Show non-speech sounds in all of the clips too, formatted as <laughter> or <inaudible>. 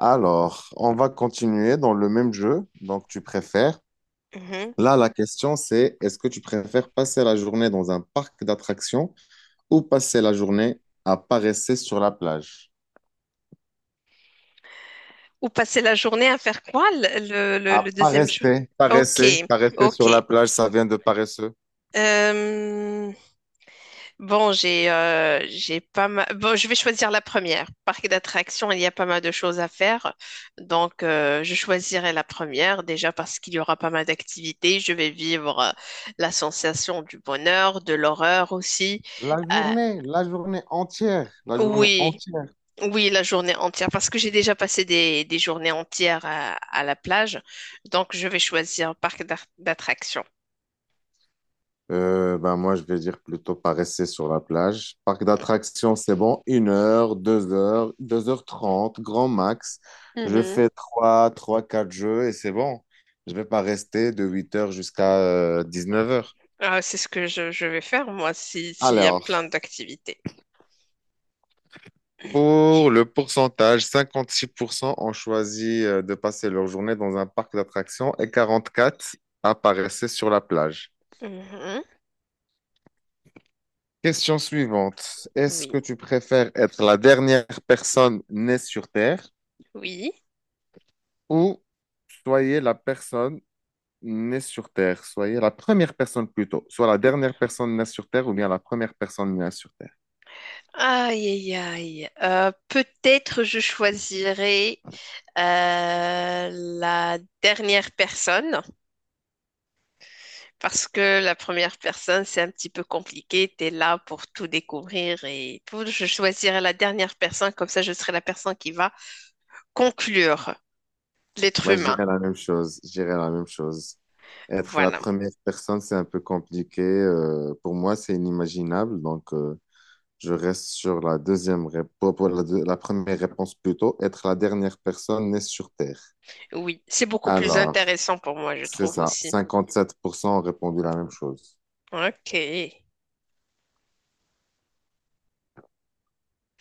Alors, on va continuer dans le même jeu. Donc, tu préfères. Mhm. Là, la question, c'est est-ce que tu préfères passer la journée dans un parc d'attractions ou passer la journée à paresser sur la plage? Ou passer la journée à faire quoi, À le deuxième jeu? paresser, Ok, paresser, paresser sur ok. la plage, ça vient de paresseux. Euh, bon, j'ai pas mal. Bon, je vais choisir la première. Parc d'attractions, il y a pas mal de choses à faire. Donc, je choisirai la première déjà parce qu'il y aura pas mal d'activités. Je vais vivre la sensation du bonheur, de l'horreur aussi. Euh, La journée entière, la journée oui. entière. Oui, la journée entière, parce que j'ai déjà passé des journées entières à la plage, donc je vais choisir un parc d'attractions. Ben moi, je vais dire plutôt pas rester sur la plage. Parc Mm. d'attractions, c'est bon. Une heure, deux heures trente, grand max. Je Mhm. fais trois, trois, quatre jeux et c'est bon. Je vais pas rester de 8 heures jusqu'à neuf heures. Ah, c'est ce que je vais faire, moi, si, s'il y a Alors, plein d'activités. pour le pourcentage, 56% ont choisi de passer leur journée dans un parc d'attractions et 44% apparaissaient sur la plage. Mhm. Question suivante. Est-ce Oui, que tu préfères être la dernière personne née sur Terre oui. ou soyez la personne née sur Terre, soyez la première personne plutôt, soit la dernière personne née sur Terre ou bien la première personne née sur Terre. Aïe, aïe, aïe. Peut-être je choisirai la dernière personne. Parce que la première personne, c'est un petit peu compliqué. Tu es là pour tout découvrir et tout. Je choisirai la dernière personne, comme ça je serai la personne qui va conclure l'être Moi, je humain. dirais la même chose. Je dirais la même chose. Être la Voilà. première personne, c'est un peu compliqué. Pour moi, c'est inimaginable. Donc, je reste sur la deuxième réponse, pour la, la première réponse plutôt, être la dernière personne née sur Terre. Oui, c'est beaucoup plus Alors, intéressant pour moi, je c'est trouve ça. aussi. Cinquante-sept pour cent ont répondu la même chose. Ok.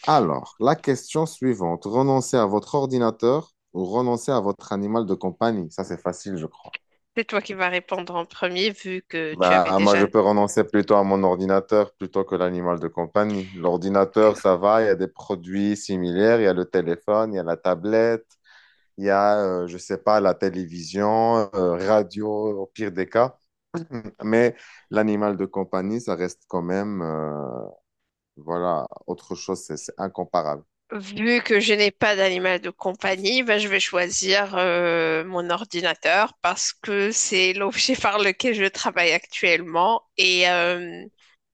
Alors, la question suivante. Renoncer à votre ordinateur ou renoncer à votre animal de compagnie? Ça, c'est facile, je crois. C'est toi qui vas répondre en premier, vu que tu avais Bah, moi, déjà... je peux renoncer plutôt à mon ordinateur plutôt que l'animal de compagnie. L'ordinateur, ça va, il y a des produits similaires, il y a le téléphone, il y a la tablette, il y a, je sais pas, la télévision, radio, au pire des cas. Mais l'animal de compagnie, ça reste quand même, voilà, autre chose, c'est incomparable. Vu que je n'ai pas d'animal de compagnie, ben, je vais choisir mon ordinateur parce que c'est l'objet <laughs> par lequel je travaille actuellement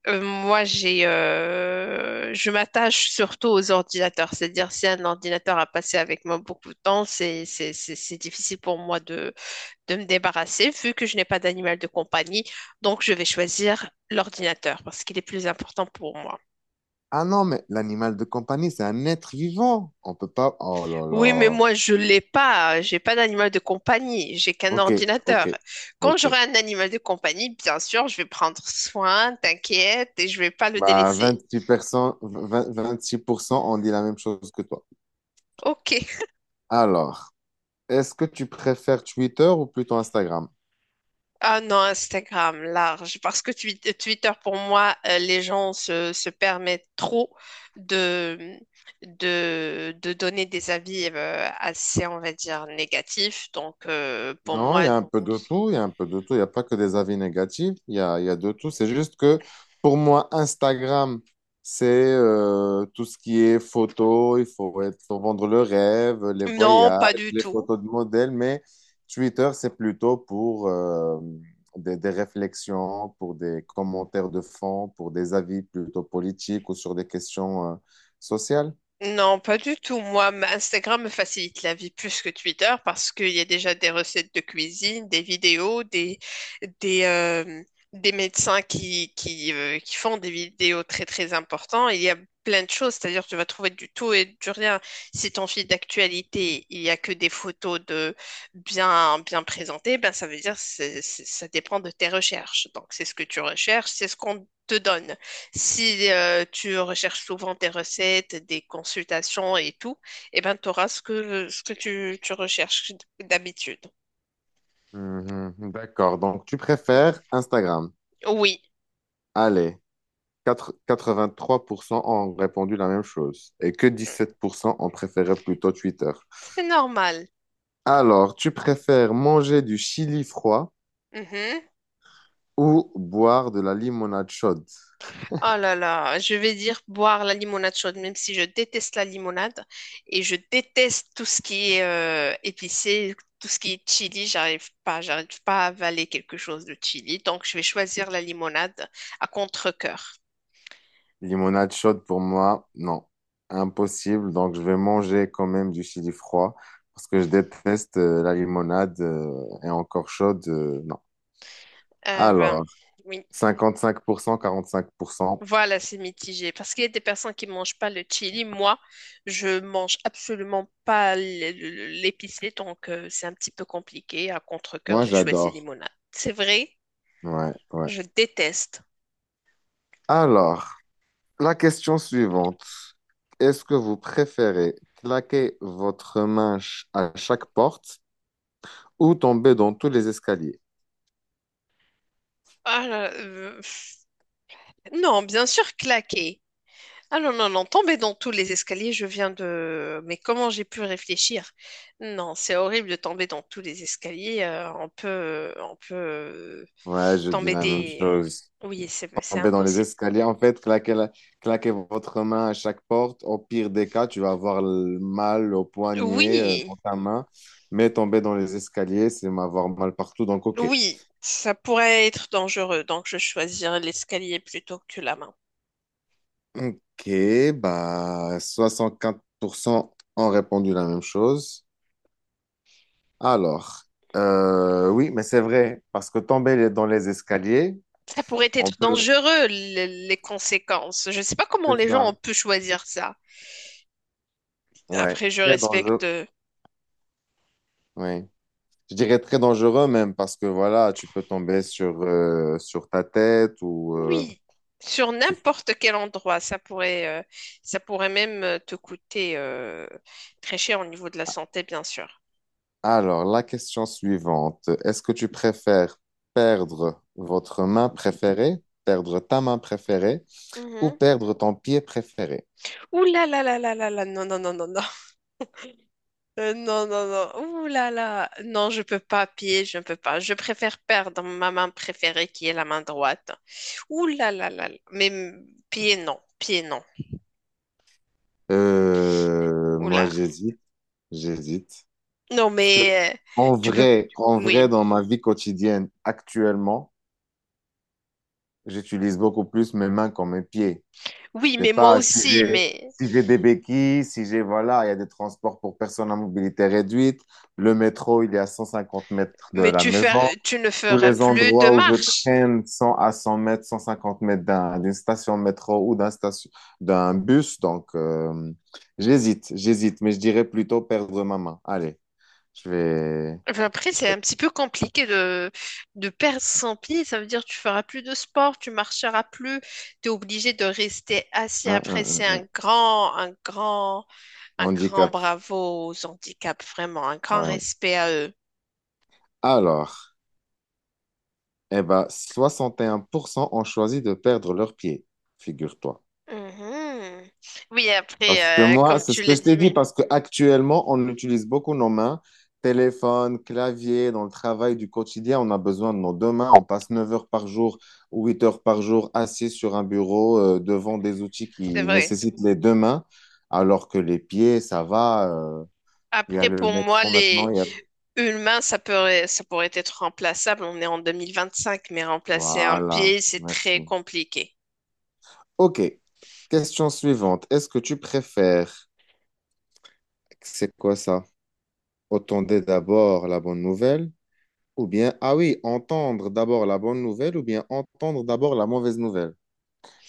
Moi, je m'attache surtout aux ordinateurs. C'est-à-dire, si un ordinateur a passé avec moi beaucoup de temps, c'est difficile pour moi de me débarrasser, vu que je n'ai pas d'animal de compagnie. Donc, je vais choisir l'ordinateur parce qu'il est plus important pour moi. Ah non, mais l'animal de compagnie, c'est un être vivant. On peut pas. Oh là Oui, mais là. moi, je l'ai pas. J'ai pas d'animal de compagnie. J'ai qu'un Ok, ok, ordinateur. Quand ok. j'aurai un animal de compagnie, bien sûr, je vais prendre soin, t'inquiète, et je vais pas le Bah, délaisser. vingt-six pour cent, vingt-six pour cent, ont dit la même chose que toi. Ok. Alors, est-ce que tu préfères Twitter ou plutôt Instagram? Ah non, Instagram, large. Parce que Twitter, pour moi, les gens se permettent trop de, de donner des avis assez, on va dire, négatifs. Donc, pour Non, il moi, y a un peu de tout, il y a un peu de tout, il n'y a pas que des avis négatifs, il y a de tout. C'est juste que pour moi, Instagram, c'est tout ce qui est photo, il faut, être, faut vendre le rêve, les non, voyages, pas du les tout. photos de modèles, mais Twitter, c'est plutôt pour des réflexions, pour des commentaires de fond, pour des avis plutôt politiques ou sur des questions sociales. Non, pas du tout. Moi, Instagram me facilite la vie plus que Twitter parce qu'il y a déjà des recettes de cuisine, des vidéos, des, euh, des médecins qui font des vidéos très très importantes. Il y a plein de choses, c'est-à-dire tu vas trouver du tout et du rien. Si ton fil d'actualité, il n'y a que des photos de bien, bien présentées, ben ça veut dire que ça dépend de tes recherches. Donc c'est ce que tu recherches, c'est ce qu'on te donne. Si tu recherches souvent tes recettes, des consultations et tout, eh ben, tu auras ce que tu recherches d'habitude. Mhm, d'accord, donc tu préfères Instagram. Oui, Allez. Quatre vingt trois pour cent ont répondu la même chose et que 17% ont préféré plutôt Twitter. c'est normal. Alors, tu préfères manger du chili froid Mhm. ou boire de la limonade chaude? Oh là là, je vais dire boire la limonade chaude, même si je déteste la limonade et je déteste tout ce qui est épicé, tout ce qui est chili, j'arrive pas à avaler quelque chose de chili, donc je vais choisir la limonade à contre-cœur. Limonade chaude pour moi, non. Impossible. Donc, je vais manger quand même du chili froid parce que je déteste la limonade et encore chaude, non. Euh, ben, Alors, oui. Cinq pour cent, quarante pour cent. Voilà, c'est mitigé. Parce qu'il y a des personnes qui ne mangent pas le chili. Moi, je mange absolument pas l'épicé, donc c'est un petit peu compliqué. À contre-cœur, Moi, j'ai choisi j'adore. limonade. C'est vrai, Ouais, ouais. je déteste. Alors, la question suivante. Est-ce que vous préférez claquer votre main à chaque porte ou tomber dans tous les escaliers? Ah là, pff. Non, bien sûr, claquer. Ah non, non, non, tomber dans tous les escaliers, je viens de... Mais comment j'ai pu réfléchir? Non, c'est horrible de tomber dans tous les escaliers. On peut Ouais, je dis tomber la même des... chose. Oui, c'est Tomber dans les impossible. escaliers, en fait, claquer votre main à chaque porte. Au pire des cas, tu vas avoir le mal au poignet, Oui, dans ta main. Mais tomber dans les escaliers, c'est m'avoir mal partout. Donc, OK. oui, ça pourrait être dangereux, donc je choisirais l'escalier plutôt que la main. Ok, bah 64% ont répondu la même chose. Alors, oui, mais c'est vrai, parce que tomber dans les escaliers, Ça pourrait on être peut... dangereux, les conséquences. Je ne sais pas comment C'est les gens ont ça, pu choisir ça. ouais, Après, je très respecte. dangereux. Ouais. Je dirais très dangereux même, parce que voilà, tu peux tomber sur, sur ta tête ou... Oui, sur tu- n'importe quel endroit, ça pourrait même te coûter très cher au niveau de la santé, bien sûr. Alors, la question suivante, est-ce que tu préfères perdre votre main préférée, perdre ta main préférée ou Mhm. perdre ton pied préféré? Ouh là là là là là là, non, non, non, non, non. Non, non, non. Ouh là là. Non, je peux pas pied, je ne peux pas. Je préfère perdre ma main préférée qui est la main droite. Ouh là là là. Là. Mais mm, pied, non. Pied, non. Ouh Moi, là. j'hésite, j'hésite. Non, Parce que, mais tu peux. En Oui. vrai, dans ma vie quotidienne, actuellement, j'utilise beaucoup plus mes mains que mes pieds. Je Oui, sais mais moi pas si aussi. j'ai, si j'ai des béquilles, si j'ai, voilà, il y a des transports pour personnes à mobilité réduite. Le métro, il est à 150 mètres de Mais la tu maison. tu ne Tous feras les plus de endroits où je marche. traîne 100 à 100 mètres, 150 mètres d'une station métro ou d'un station, d'un bus. Donc, j'hésite, j'hésite, mais je dirais plutôt perdre ma main. Allez, je vais... Enfin, après, Je c'est vais... un petit peu compliqué de perdre son pied. Ça veut dire que tu feras plus de sport, tu marcheras plus. Tu es obligé de rester assis. Après, un, c'est un. Un grand. Un grand Handicap. bravo aux handicaps, vraiment, un grand Ouais. respect à eux. Alors, eh ben, 61% ont choisi de perdre leurs pieds, figure-toi. Mhm. Oui, Parce que après, moi, comme c'est ce tu que l'as je dit, t'ai dit, oui, parce qu'actuellement, on utilise beaucoup nos mains, téléphone, clavier, dans le travail du quotidien, on a besoin de nos deux mains. On passe 9 heures par jour ou 8 heures par jour assis sur un bureau devant des outils c'est qui vrai. nécessitent les deux mains, alors que les pieds, ça va. Il y a Après, le pour moi, métro maintenant, les il y a... humains, ça pourrait être remplaçable. On est en 2025, mais remplacer un Voilà, pied, c'est merci. très compliqué. OK, question suivante. Est-ce que tu préfères... C'est quoi ça? Autant d'abord la bonne nouvelle. Ou bien, ah oui, entendre d'abord la bonne nouvelle ou bien entendre d'abord la mauvaise nouvelle.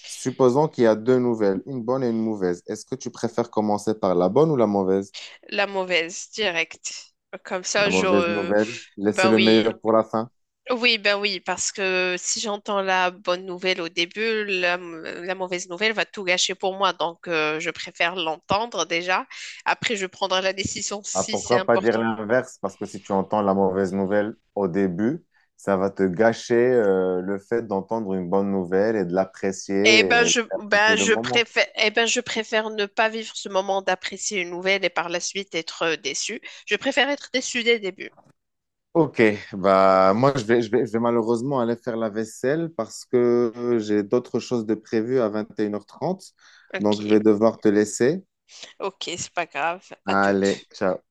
Supposons qu'il y a deux nouvelles, une bonne et une mauvaise. Est-ce que tu préfères commencer par la bonne ou la mauvaise? La mauvaise, directe. Comme La ça, mauvaise. La je... nouvelle, mauvaise. Laissez Ben le oui, meilleur pour la fin. oui, ben oui, parce que si j'entends la bonne nouvelle au début, la mauvaise nouvelle va tout gâcher pour moi. Donc, je préfère l'entendre déjà. Après, je prendrai la décision Ah, si c'est pourquoi pas Oui. dire important. l'inverse? Parce que si tu entends la mauvaise nouvelle au début, ça va te gâcher le fait d'entendre une bonne nouvelle et de l'apprécier, Eh et ben, je, d'apprécier ben, le je moment. préfère, eh ben, je préfère ne pas vivre ce moment d'apprécier une nouvelle et par la suite être déçu. Je préfère être déçu dès le début. Ok, bah moi je vais malheureusement aller faire la vaisselle parce que j'ai d'autres choses de prévues à 21h30, Ok, donc je vais devoir te laisser. ok, c'est pas grave. À Allez, toutes. ciao.